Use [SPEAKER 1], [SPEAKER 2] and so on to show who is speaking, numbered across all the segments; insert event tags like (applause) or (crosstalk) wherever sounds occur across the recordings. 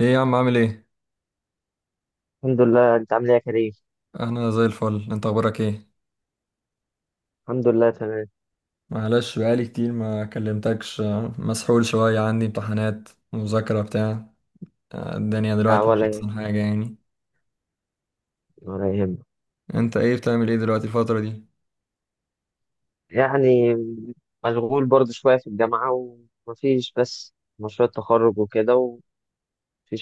[SPEAKER 1] ايه يا عم، عامل ايه؟
[SPEAKER 2] الحمد لله. انت عامل ايه يا كريم؟
[SPEAKER 1] انا زي الفل. انت اخبارك ايه؟
[SPEAKER 2] الحمد لله تمام.
[SPEAKER 1] معلش، بقالي كتير ما كلمتكش مسحول شوية، عندي امتحانات، مذاكرة بتاع. الدنيا
[SPEAKER 2] لا
[SPEAKER 1] دلوقتي مش
[SPEAKER 2] ولا
[SPEAKER 1] احسن
[SPEAKER 2] يهمك.
[SPEAKER 1] حاجة يعني.
[SPEAKER 2] ولا يهمك.
[SPEAKER 1] انت ايه، بتعمل ايه دلوقتي الفترة دي؟
[SPEAKER 2] يعني مشغول برضه شويه في الجامعه، ومفيش بس مشروع التخرج وكده، ومفيش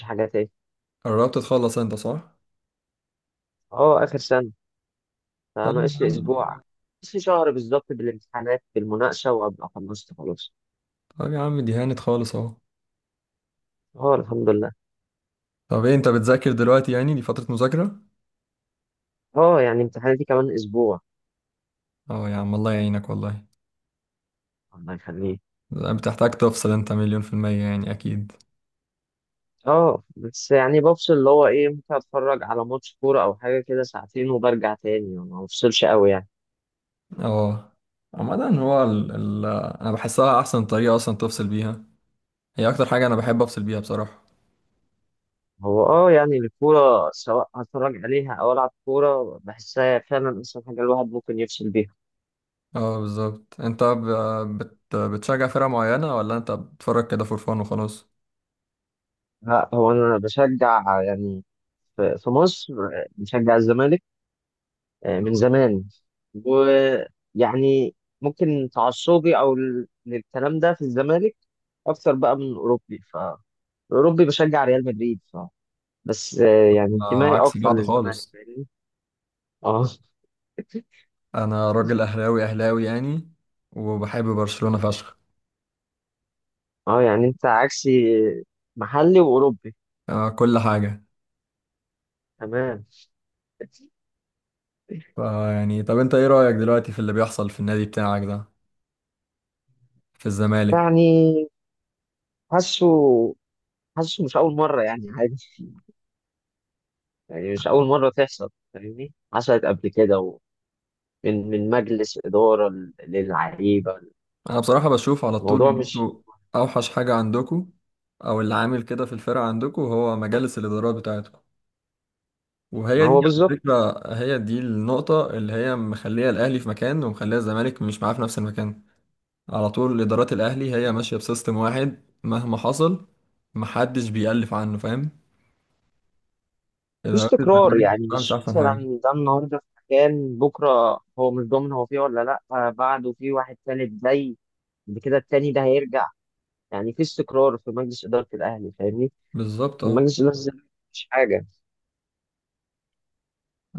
[SPEAKER 2] حاجه تاني.
[SPEAKER 1] قربت تخلص انت، صح؟
[SPEAKER 2] اه، اخر سنه،
[SPEAKER 1] طب يا
[SPEAKER 2] فناقص لي
[SPEAKER 1] عم
[SPEAKER 2] اسبوع، ناقص لي شهر بالظبط، بالامتحانات بالمناقشه، وابقى خلصت خلاص.
[SPEAKER 1] طب يا عم، دي هانت خالص اهو.
[SPEAKER 2] اه الحمد لله.
[SPEAKER 1] طب ايه، انت بتذاكر دلوقتي؟ يعني دي فترة مذاكرة؟
[SPEAKER 2] اه يعني امتحاناتي كمان اسبوع.
[SPEAKER 1] اه يا عم، الله يعينك والله.
[SPEAKER 2] الله يخليك.
[SPEAKER 1] بتحتاج تفصل انت، مليون في المية يعني اكيد.
[SPEAKER 2] اه بس يعني بفصل اللي هو ايه، ممكن اتفرج على ماتش كوره او حاجه كده ساعتين وبرجع تاني، ما بفصلش قوي يعني.
[SPEAKER 1] اه، عامة هو ال... انا بحسها احسن طريقة اصلا تفصل بيها. هي اكتر حاجة انا بحب افصل بيها بصراحة.
[SPEAKER 2] هو اه، يعني الكورة سواء هتفرج عليها أو ألعب كورة، بحسها فعلا أحسن حاجة الواحد ممكن يفصل بيها.
[SPEAKER 1] اه بالظبط، بتشجع فرقة معينة، ولا انت بتتفرج كده فور فان وخلاص؟
[SPEAKER 2] لا، هو أنا بشجع يعني في مصر، بشجع الزمالك من زمان. ويعني ممكن تعصبي أو للكلام ده في الزمالك أكتر بقى من أوروبي. فأوروبي بشجع ريال مدريد، ف بس يعني
[SPEAKER 1] انا
[SPEAKER 2] انتمائي
[SPEAKER 1] عكس
[SPEAKER 2] أكتر
[SPEAKER 1] بعض
[SPEAKER 2] للزمالك،
[SPEAKER 1] خالص.
[SPEAKER 2] فاهمني. اه.
[SPEAKER 1] انا راجل اهلاوي اهلاوي يعني، وبحب برشلونة فشخ.
[SPEAKER 2] اه يعني أنت عكسي، محلي وأوروبي.
[SPEAKER 1] آه، كل حاجة.
[SPEAKER 2] تمام.
[SPEAKER 1] فيعني طب انت ايه رأيك دلوقتي في اللي بيحصل في النادي بتاعك ده، في الزمالك؟
[SPEAKER 2] يعني حاسه حاسه مش أول مرة، يعني عادي، يعني مش أول مرة تحصل، فاهمني، حصلت قبل كده. ومن مجلس إدارة للعيبة.
[SPEAKER 1] انا بصراحة بشوف على طول
[SPEAKER 2] الموضوع
[SPEAKER 1] ان
[SPEAKER 2] مش،
[SPEAKER 1] انتوا اوحش حاجة عندكوا، او اللي عامل كده في الفرقة عندكوا، هو مجالس الادارات بتاعتكم.
[SPEAKER 2] ما
[SPEAKER 1] وهي دي
[SPEAKER 2] هو
[SPEAKER 1] على
[SPEAKER 2] بالظبط.
[SPEAKER 1] فكرة، هي دي النقطة اللي هي مخلية الأهلي في مكان، ومخلية الزمالك مش معاه في نفس المكان. على طول إدارات الأهلي هي ماشية بسيستم واحد مهما حصل، محدش بيألف عنه، فاهم؟
[SPEAKER 2] مفيش
[SPEAKER 1] إدارات
[SPEAKER 2] تكرار،
[SPEAKER 1] الزمالك
[SPEAKER 2] يعني
[SPEAKER 1] بصراحة مش
[SPEAKER 2] مش
[SPEAKER 1] أحسن حاجة.
[SPEAKER 2] مثلا ده النهاردة في مكان، بكرة هو مش ضامن هو فيه ولا لأ، بعده في واحد تالت زي، بعد كده التاني ده هيرجع. يعني في استقرار في مجلس إدارة الأهلي، فاهمني؟
[SPEAKER 1] بالظبط
[SPEAKER 2] في
[SPEAKER 1] اه.
[SPEAKER 2] مجلس إدارة الزمالك مفيش حاجة.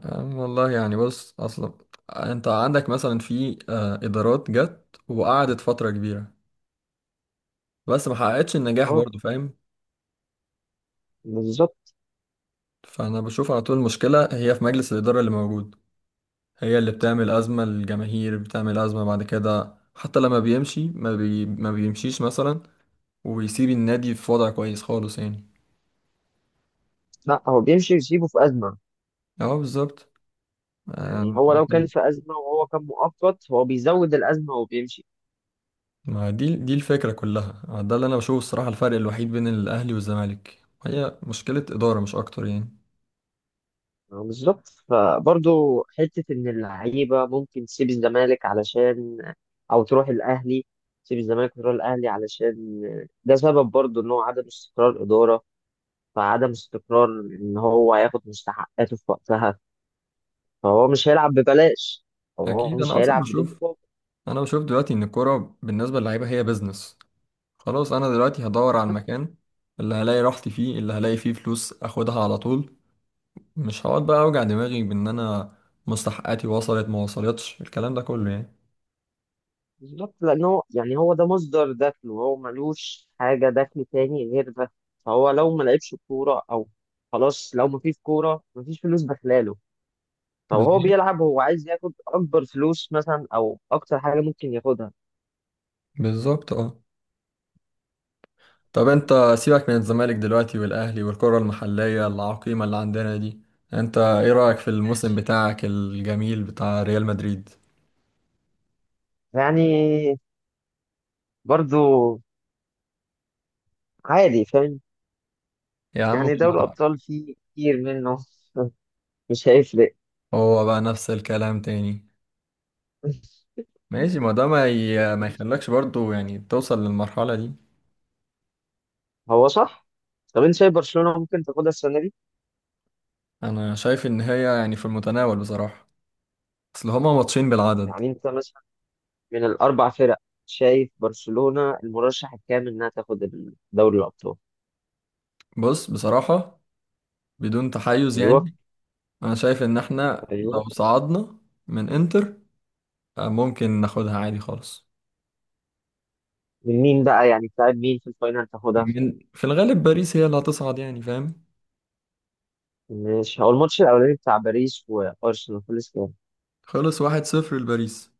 [SPEAKER 1] والله يعني بص، أصلا أنت عندك مثلا، في إدارات جت وقعدت فترة كبيرة بس ما حققتش النجاح
[SPEAKER 2] اه
[SPEAKER 1] برضه، فاهم؟
[SPEAKER 2] بالظبط.
[SPEAKER 1] فأنا بشوف على طول المشكلة هي في مجلس الإدارة اللي موجود، هي اللي بتعمل أزمة للجماهير، بتعمل أزمة بعد كده، حتى لما بيمشي ما بيمشيش مثلا ويسيب النادي في وضع كويس خالص يعني.
[SPEAKER 2] لأ، هو بيمشي يسيبه في أزمة.
[SPEAKER 1] اه بالظبط.
[SPEAKER 2] يعني
[SPEAKER 1] آم،
[SPEAKER 2] هو لو كان في أزمة وهو كان مؤقت، هو بيزود الأزمة وبيمشي.
[SPEAKER 1] ما دي الفكرة كلها، ده اللي أنا بشوفه الصراحة. الفرق الوحيد بين الأهلي والزمالك هي مشكلة إدارة، مش أكتر يعني.
[SPEAKER 2] بالظبط. فبرضه حتة إن اللعيبة ممكن تسيب الزمالك علشان، أو تروح الأهلي، تسيب الزمالك وتروح الأهلي علشان ده سبب برضه، إن هو عدم استقرار إدارة. فعدم استقرار، إن هو هياخد مستحقاته في وقتها، فهو مش هيلعب ببلاش، هو
[SPEAKER 1] أكيد.
[SPEAKER 2] مش هيلعب بدون مقابل.
[SPEAKER 1] أنا بشوف دلوقتي إن الكورة بالنسبة للعيبة هي بيزنس. خلاص، أنا دلوقتي هدور على المكان اللي هلاقي راحتي فيه، اللي هلاقي فيه فلوس، أخدها على طول. مش هقعد بقى اوجع دماغي بان انا مستحقاتي وصلت ما وصلتش، الكلام ده كله يعني.
[SPEAKER 2] بالظبط، لأن هو يعني هو ده مصدر دخله، هو ملوش حاجة دخل تاني غير ده. فهو لو ما لعبش كورة أو، خلاص، لو ما فيش كورة ما فيش فلوس داخلاله. فهو
[SPEAKER 1] بالظبط.
[SPEAKER 2] بيلعب، هو عايز ياخد أكبر فلوس مثلا أو أكتر حاجة ممكن ياخدها.
[SPEAKER 1] بالظبط اه. طب انت، سيبك من الزمالك دلوقتي والاهلي والكرة المحلية العقيمة اللي عندنا دي. انت ايه رأيك في الموسم بتاعك الجميل بتاع ريال مدريد؟
[SPEAKER 2] يعني برضو عادي، فاهم.
[SPEAKER 1] يا عم،
[SPEAKER 2] يعني دوري الأبطال فيه كتير منه (laughs) مش هيفرق.
[SPEAKER 1] هو بقى نفس الكلام تاني. ماشي، ما ده ما يخلكش برضو يعني توصل للمرحلة دي.
[SPEAKER 2] هو صح. طب أنت شايف برشلونة ممكن تاخدها السنة دي؟
[SPEAKER 1] انا شايف ان هي يعني في المتناول بصراحة، اصل هما ماتشين بالعدد.
[SPEAKER 2] يعني أنت من الأربع فرق شايف برشلونة المرشح الكامل إنها تاخد دوري الأبطال؟
[SPEAKER 1] بص بصراحة، بدون تحيز
[SPEAKER 2] أيوه.
[SPEAKER 1] يعني، انا شايف ان احنا
[SPEAKER 2] أيوه.
[SPEAKER 1] لو صعدنا من انتر، ممكن ناخدها عادي خالص.
[SPEAKER 2] من مين بقى، يعني بتاع مين في الفاينل تاخدها؟
[SPEAKER 1] من في الغالب باريس هي اللي هتصعد يعني، فاهم؟
[SPEAKER 2] مش هو الماتش الأولاني بتاع باريس وأرسنال خلص كام؟
[SPEAKER 1] خلص واحد صفر لباريس،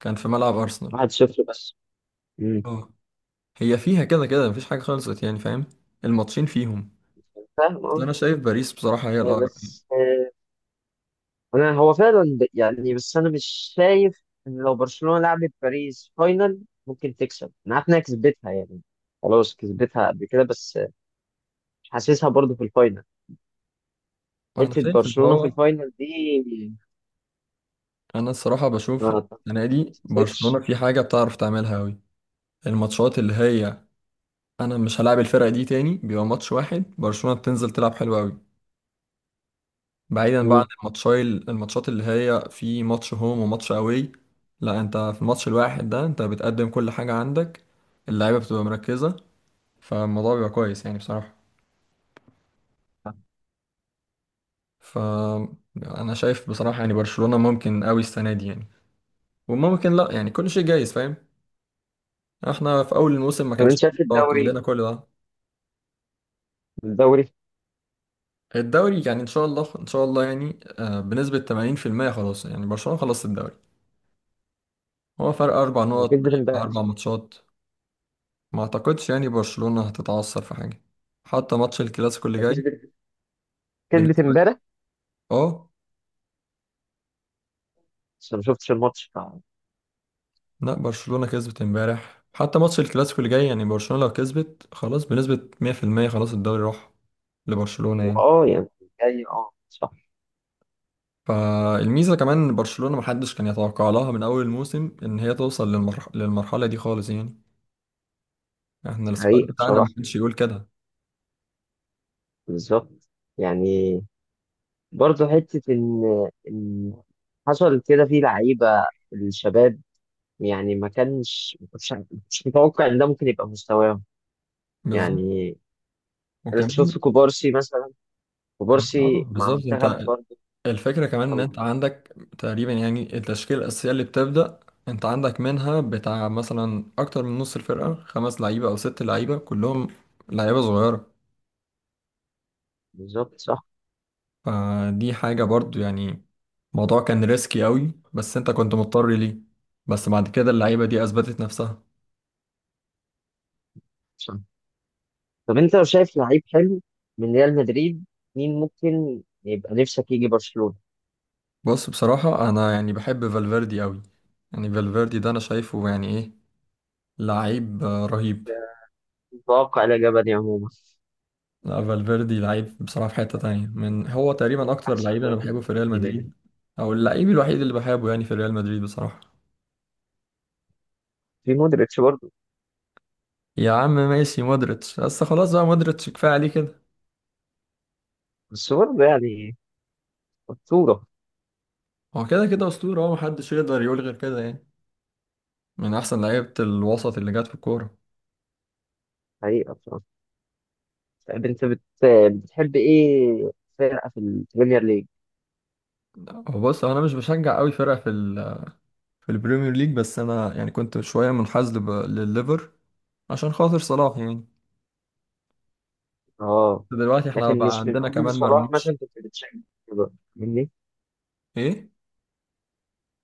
[SPEAKER 1] كان في ملعب ارسنال.
[SPEAKER 2] 1-0 بس. امم.
[SPEAKER 1] اه، هي فيها كده كده مفيش حاجة خلصت يعني، فاهم؟ الماتشين فيهم.
[SPEAKER 2] فاهم
[SPEAKER 1] بس
[SPEAKER 2] أه.
[SPEAKER 1] انا شايف باريس بصراحة هي
[SPEAKER 2] آه،
[SPEAKER 1] الاقرب يعني.
[SPEAKER 2] بس آه، أنا هو فعلا يعني، بس أنا مش شايف إن لو برشلونة لعبت باريس فاينل ممكن تكسب، أنا عارف إنها كسبتها يعني، خلاص كسبتها قبل كده، بس مش حاسسها برضه في الفاينل،
[SPEAKER 1] انا
[SPEAKER 2] حتة
[SPEAKER 1] شايف ان
[SPEAKER 2] برشلونة في
[SPEAKER 1] هو
[SPEAKER 2] الفاينل دي.
[SPEAKER 1] انا الصراحة بشوف إن
[SPEAKER 2] ما
[SPEAKER 1] السنة دي
[SPEAKER 2] تعتقدش.
[SPEAKER 1] برشلونة في حاجة بتعرف تعملها قوي. الماتشات اللي هي انا مش هلعب الفرقة دي تاني، بيبقى ماتش واحد، برشلونة بتنزل تلعب حلو قوي. بعيدا بقى عن
[SPEAKER 2] مم.
[SPEAKER 1] الماتشات اللي هي في ماتش هوم وماتش اواي. لا انت في الماتش الواحد ده انت بتقدم كل حاجة عندك، اللعيبة بتبقى مركزة، فالموضوع بيبقى كويس يعني بصراحة. فأنا شايف بصراحة يعني برشلونة ممكن قوي السنة دي يعني، وممكن لا يعني، كل شيء جايز، فاهم؟ احنا في أول الموسم ما
[SPEAKER 2] طب
[SPEAKER 1] كانش
[SPEAKER 2] انت
[SPEAKER 1] حد
[SPEAKER 2] شايف
[SPEAKER 1] يتوقع
[SPEAKER 2] الدوري،
[SPEAKER 1] لنا كل ده.
[SPEAKER 2] الدوري
[SPEAKER 1] الدوري يعني إن شاء الله إن شاء الله يعني، بنسبة 80% خلاص يعني، برشلونة خلصت الدوري. هو فرق أربع نقط،
[SPEAKER 2] كسبت امبارح.
[SPEAKER 1] أربع ماتشات. ما اعتقدش يعني برشلونة هتتعثر في حاجة، حتى ماتش الكلاسيكو اللي جاي.
[SPEAKER 2] كسبت كسبت
[SPEAKER 1] بالنسبة،
[SPEAKER 2] امبارح،
[SPEAKER 1] اه
[SPEAKER 2] بس أنا ما شفتش الماتش
[SPEAKER 1] لا برشلونة كسبت امبارح. حتى ماتش الكلاسيكو اللي جاي، يعني برشلونة لو كسبت خلاص، بنسبة 100% خلاص الدوري راح لبرشلونة يعني.
[SPEAKER 2] واه يعني. جاي اه صح.
[SPEAKER 1] فالميزة كمان ان برشلونة محدش كان يتوقع لها من اول الموسم ان هي توصل للمرحلة دي خالص يعني، احنا السكواد
[SPEAKER 2] حقيقة
[SPEAKER 1] بتاعنا ما
[SPEAKER 2] بصراحة،
[SPEAKER 1] كانش يقول كده.
[SPEAKER 2] بالظبط. يعني برضه حتة إن حصل كده في لعيبة الشباب، يعني ما كنتش متوقع إن ده ممكن يبقى مستواهم.
[SPEAKER 1] بالظبط.
[SPEAKER 2] يعني أنا
[SPEAKER 1] وكمان،
[SPEAKER 2] شفت كوبارسي مثلا،
[SPEAKER 1] كمان اه
[SPEAKER 2] كوبارسي مع
[SPEAKER 1] بالظبط.
[SPEAKER 2] منتخب
[SPEAKER 1] انت
[SPEAKER 2] برضه.
[SPEAKER 1] الفكرة كمان ان انت عندك تقريبا يعني التشكيلة الأساسية اللي بتبدأ، انت عندك منها بتاع مثلا أكتر من نص الفرقة، خمس لعيبة أو ست لعيبة كلهم لعيبة صغيرة.
[SPEAKER 2] بالظبط صح.
[SPEAKER 1] فدي حاجة برضو يعني، الموضوع كان ريسكي قوي، بس انت كنت مضطر ليه. بس بعد كده اللعيبة دي أثبتت نفسها.
[SPEAKER 2] طب انت لو شايف لعيب حلو من ريال مدريد، مين ممكن يبقى نفسك يجي برشلونة؟
[SPEAKER 1] بص بصراحة أنا يعني بحب فالفيردي قوي. يعني فالفيردي ده أنا شايفه يعني، إيه، لعيب رهيب.
[SPEAKER 2] متوقع لا جبلي عموما.
[SPEAKER 1] لا فالفيردي لعيب بصراحة في حتة تانية،
[SPEAKER 2] يعني
[SPEAKER 1] من هو
[SPEAKER 2] هو
[SPEAKER 1] تقريبا أكتر
[SPEAKER 2] احسن
[SPEAKER 1] لعيب أنا
[SPEAKER 2] واحد
[SPEAKER 1] بحبه في ريال
[SPEAKER 2] هناك.
[SPEAKER 1] مدريد، أو اللعيب الوحيد اللي بحبه يعني في ريال مدريد بصراحة.
[SPEAKER 2] في مودريتش برضه.
[SPEAKER 1] يا عم ماشي مودريتش، بس خلاص بقى مودريتش كفاية عليه كده.
[SPEAKER 2] بس برضه يعني اسطورة.
[SPEAKER 1] هو كده كده أسطورة، هو محدش يقدر يقول غير كده يعني، من أحسن لعيبة الوسط اللي جت في الكورة.
[SPEAKER 2] حقيقة بصراحة. طيب انت بتحب ايه فرقة في البريمير ليج؟
[SPEAKER 1] هو بص، هو أنا مش بشجع أوي فرقة في في البريمير ليج، بس أنا يعني كنت شوية منحاز للليفر عشان خاطر صلاح يعني.
[SPEAKER 2] اه.
[SPEAKER 1] دلوقتي احنا
[SPEAKER 2] لكن
[SPEAKER 1] بقى
[SPEAKER 2] مش من
[SPEAKER 1] عندنا
[SPEAKER 2] قبل
[SPEAKER 1] كمان
[SPEAKER 2] صلاح
[SPEAKER 1] مرموش.
[SPEAKER 2] مثلا كنت بتشجع الليفر، فاهمني؟
[SPEAKER 1] إيه؟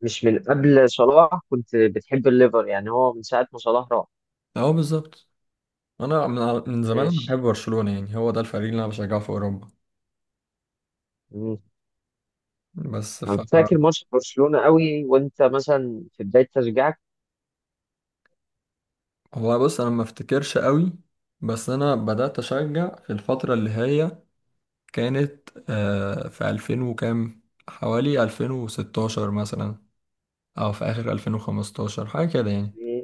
[SPEAKER 2] مش من قبل صلاح كنت بتحب الليفر، يعني هو من ساعة ما صلاح راح؟
[SPEAKER 1] أهو بالظبط. انا من زمان انا بحب
[SPEAKER 2] ماشي.
[SPEAKER 1] برشلونة يعني، هو ده الفريق اللي انا بشجعه في اوروبا. بس ف،
[SPEAKER 2] انا فاكر ماتش برشلونة قوي وانت مثلا في بداية تشجيعك.
[SPEAKER 1] هو بص انا ما افتكرش قوي، بس انا بدأت اشجع في الفترة اللي هي كانت، في 2000 وكام، حوالي 2016 مثلا، او في اخر 2015 حاجة كده يعني.
[SPEAKER 2] في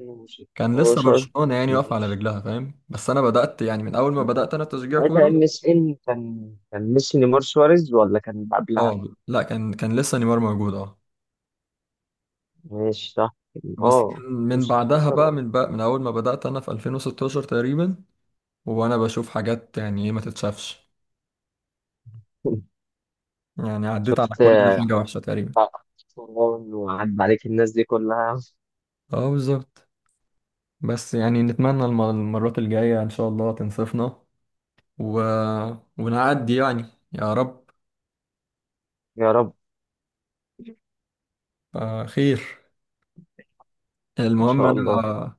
[SPEAKER 1] كان لسه
[SPEAKER 2] 16.
[SPEAKER 1] برشلونة يعني واقفة على
[SPEAKER 2] ماشي،
[SPEAKER 1] رجلها، فاهم؟ بس انا بدأت يعني من اول ما
[SPEAKER 2] ممكن.
[SPEAKER 1] بدأت انا تشجيع
[SPEAKER 2] ساعتها
[SPEAKER 1] كورة.
[SPEAKER 2] ام اس ان كان ميسي نيمار سواريز ولا كان قبلها؟
[SPEAKER 1] اه لا كان لسه نيمار موجود، اه.
[SPEAKER 2] ماشي صح
[SPEAKER 1] بس من
[SPEAKER 2] اه.
[SPEAKER 1] من بعدها
[SPEAKER 2] 16
[SPEAKER 1] بقى
[SPEAKER 2] اه.
[SPEAKER 1] من بقى من اول ما بدأت انا في 2016 تقريبا، وانا بشوف حاجات يعني ايه ما تتشافش،
[SPEAKER 2] (laughs)
[SPEAKER 1] يعني عديت على
[SPEAKER 2] شفت
[SPEAKER 1] كل حاجة وحشة تقريبا.
[SPEAKER 2] طبعاً، وعدى عليك الناس دي كلها.
[SPEAKER 1] اه بالظبط. بس يعني نتمنى المرات الجاية ان شاء الله تنصفنا و... ونعدي يعني. يا رب.
[SPEAKER 2] يا رب ان
[SPEAKER 1] آه خير. المهم
[SPEAKER 2] شاء الله.
[SPEAKER 1] انا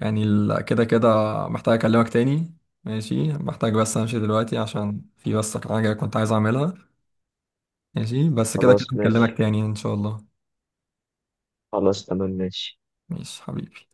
[SPEAKER 1] يعني كده كده محتاج اكلمك تاني. ماشي، محتاج بس امشي دلوقتي عشان في بس حاجة كنت عايز اعملها. ماشي، بس كده كده
[SPEAKER 2] خلاص
[SPEAKER 1] هكلمك
[SPEAKER 2] ماشي.
[SPEAKER 1] تاني ان شاء الله.
[SPEAKER 2] خلاص تمام ماشي.
[SPEAKER 1] ماشي حبيبي.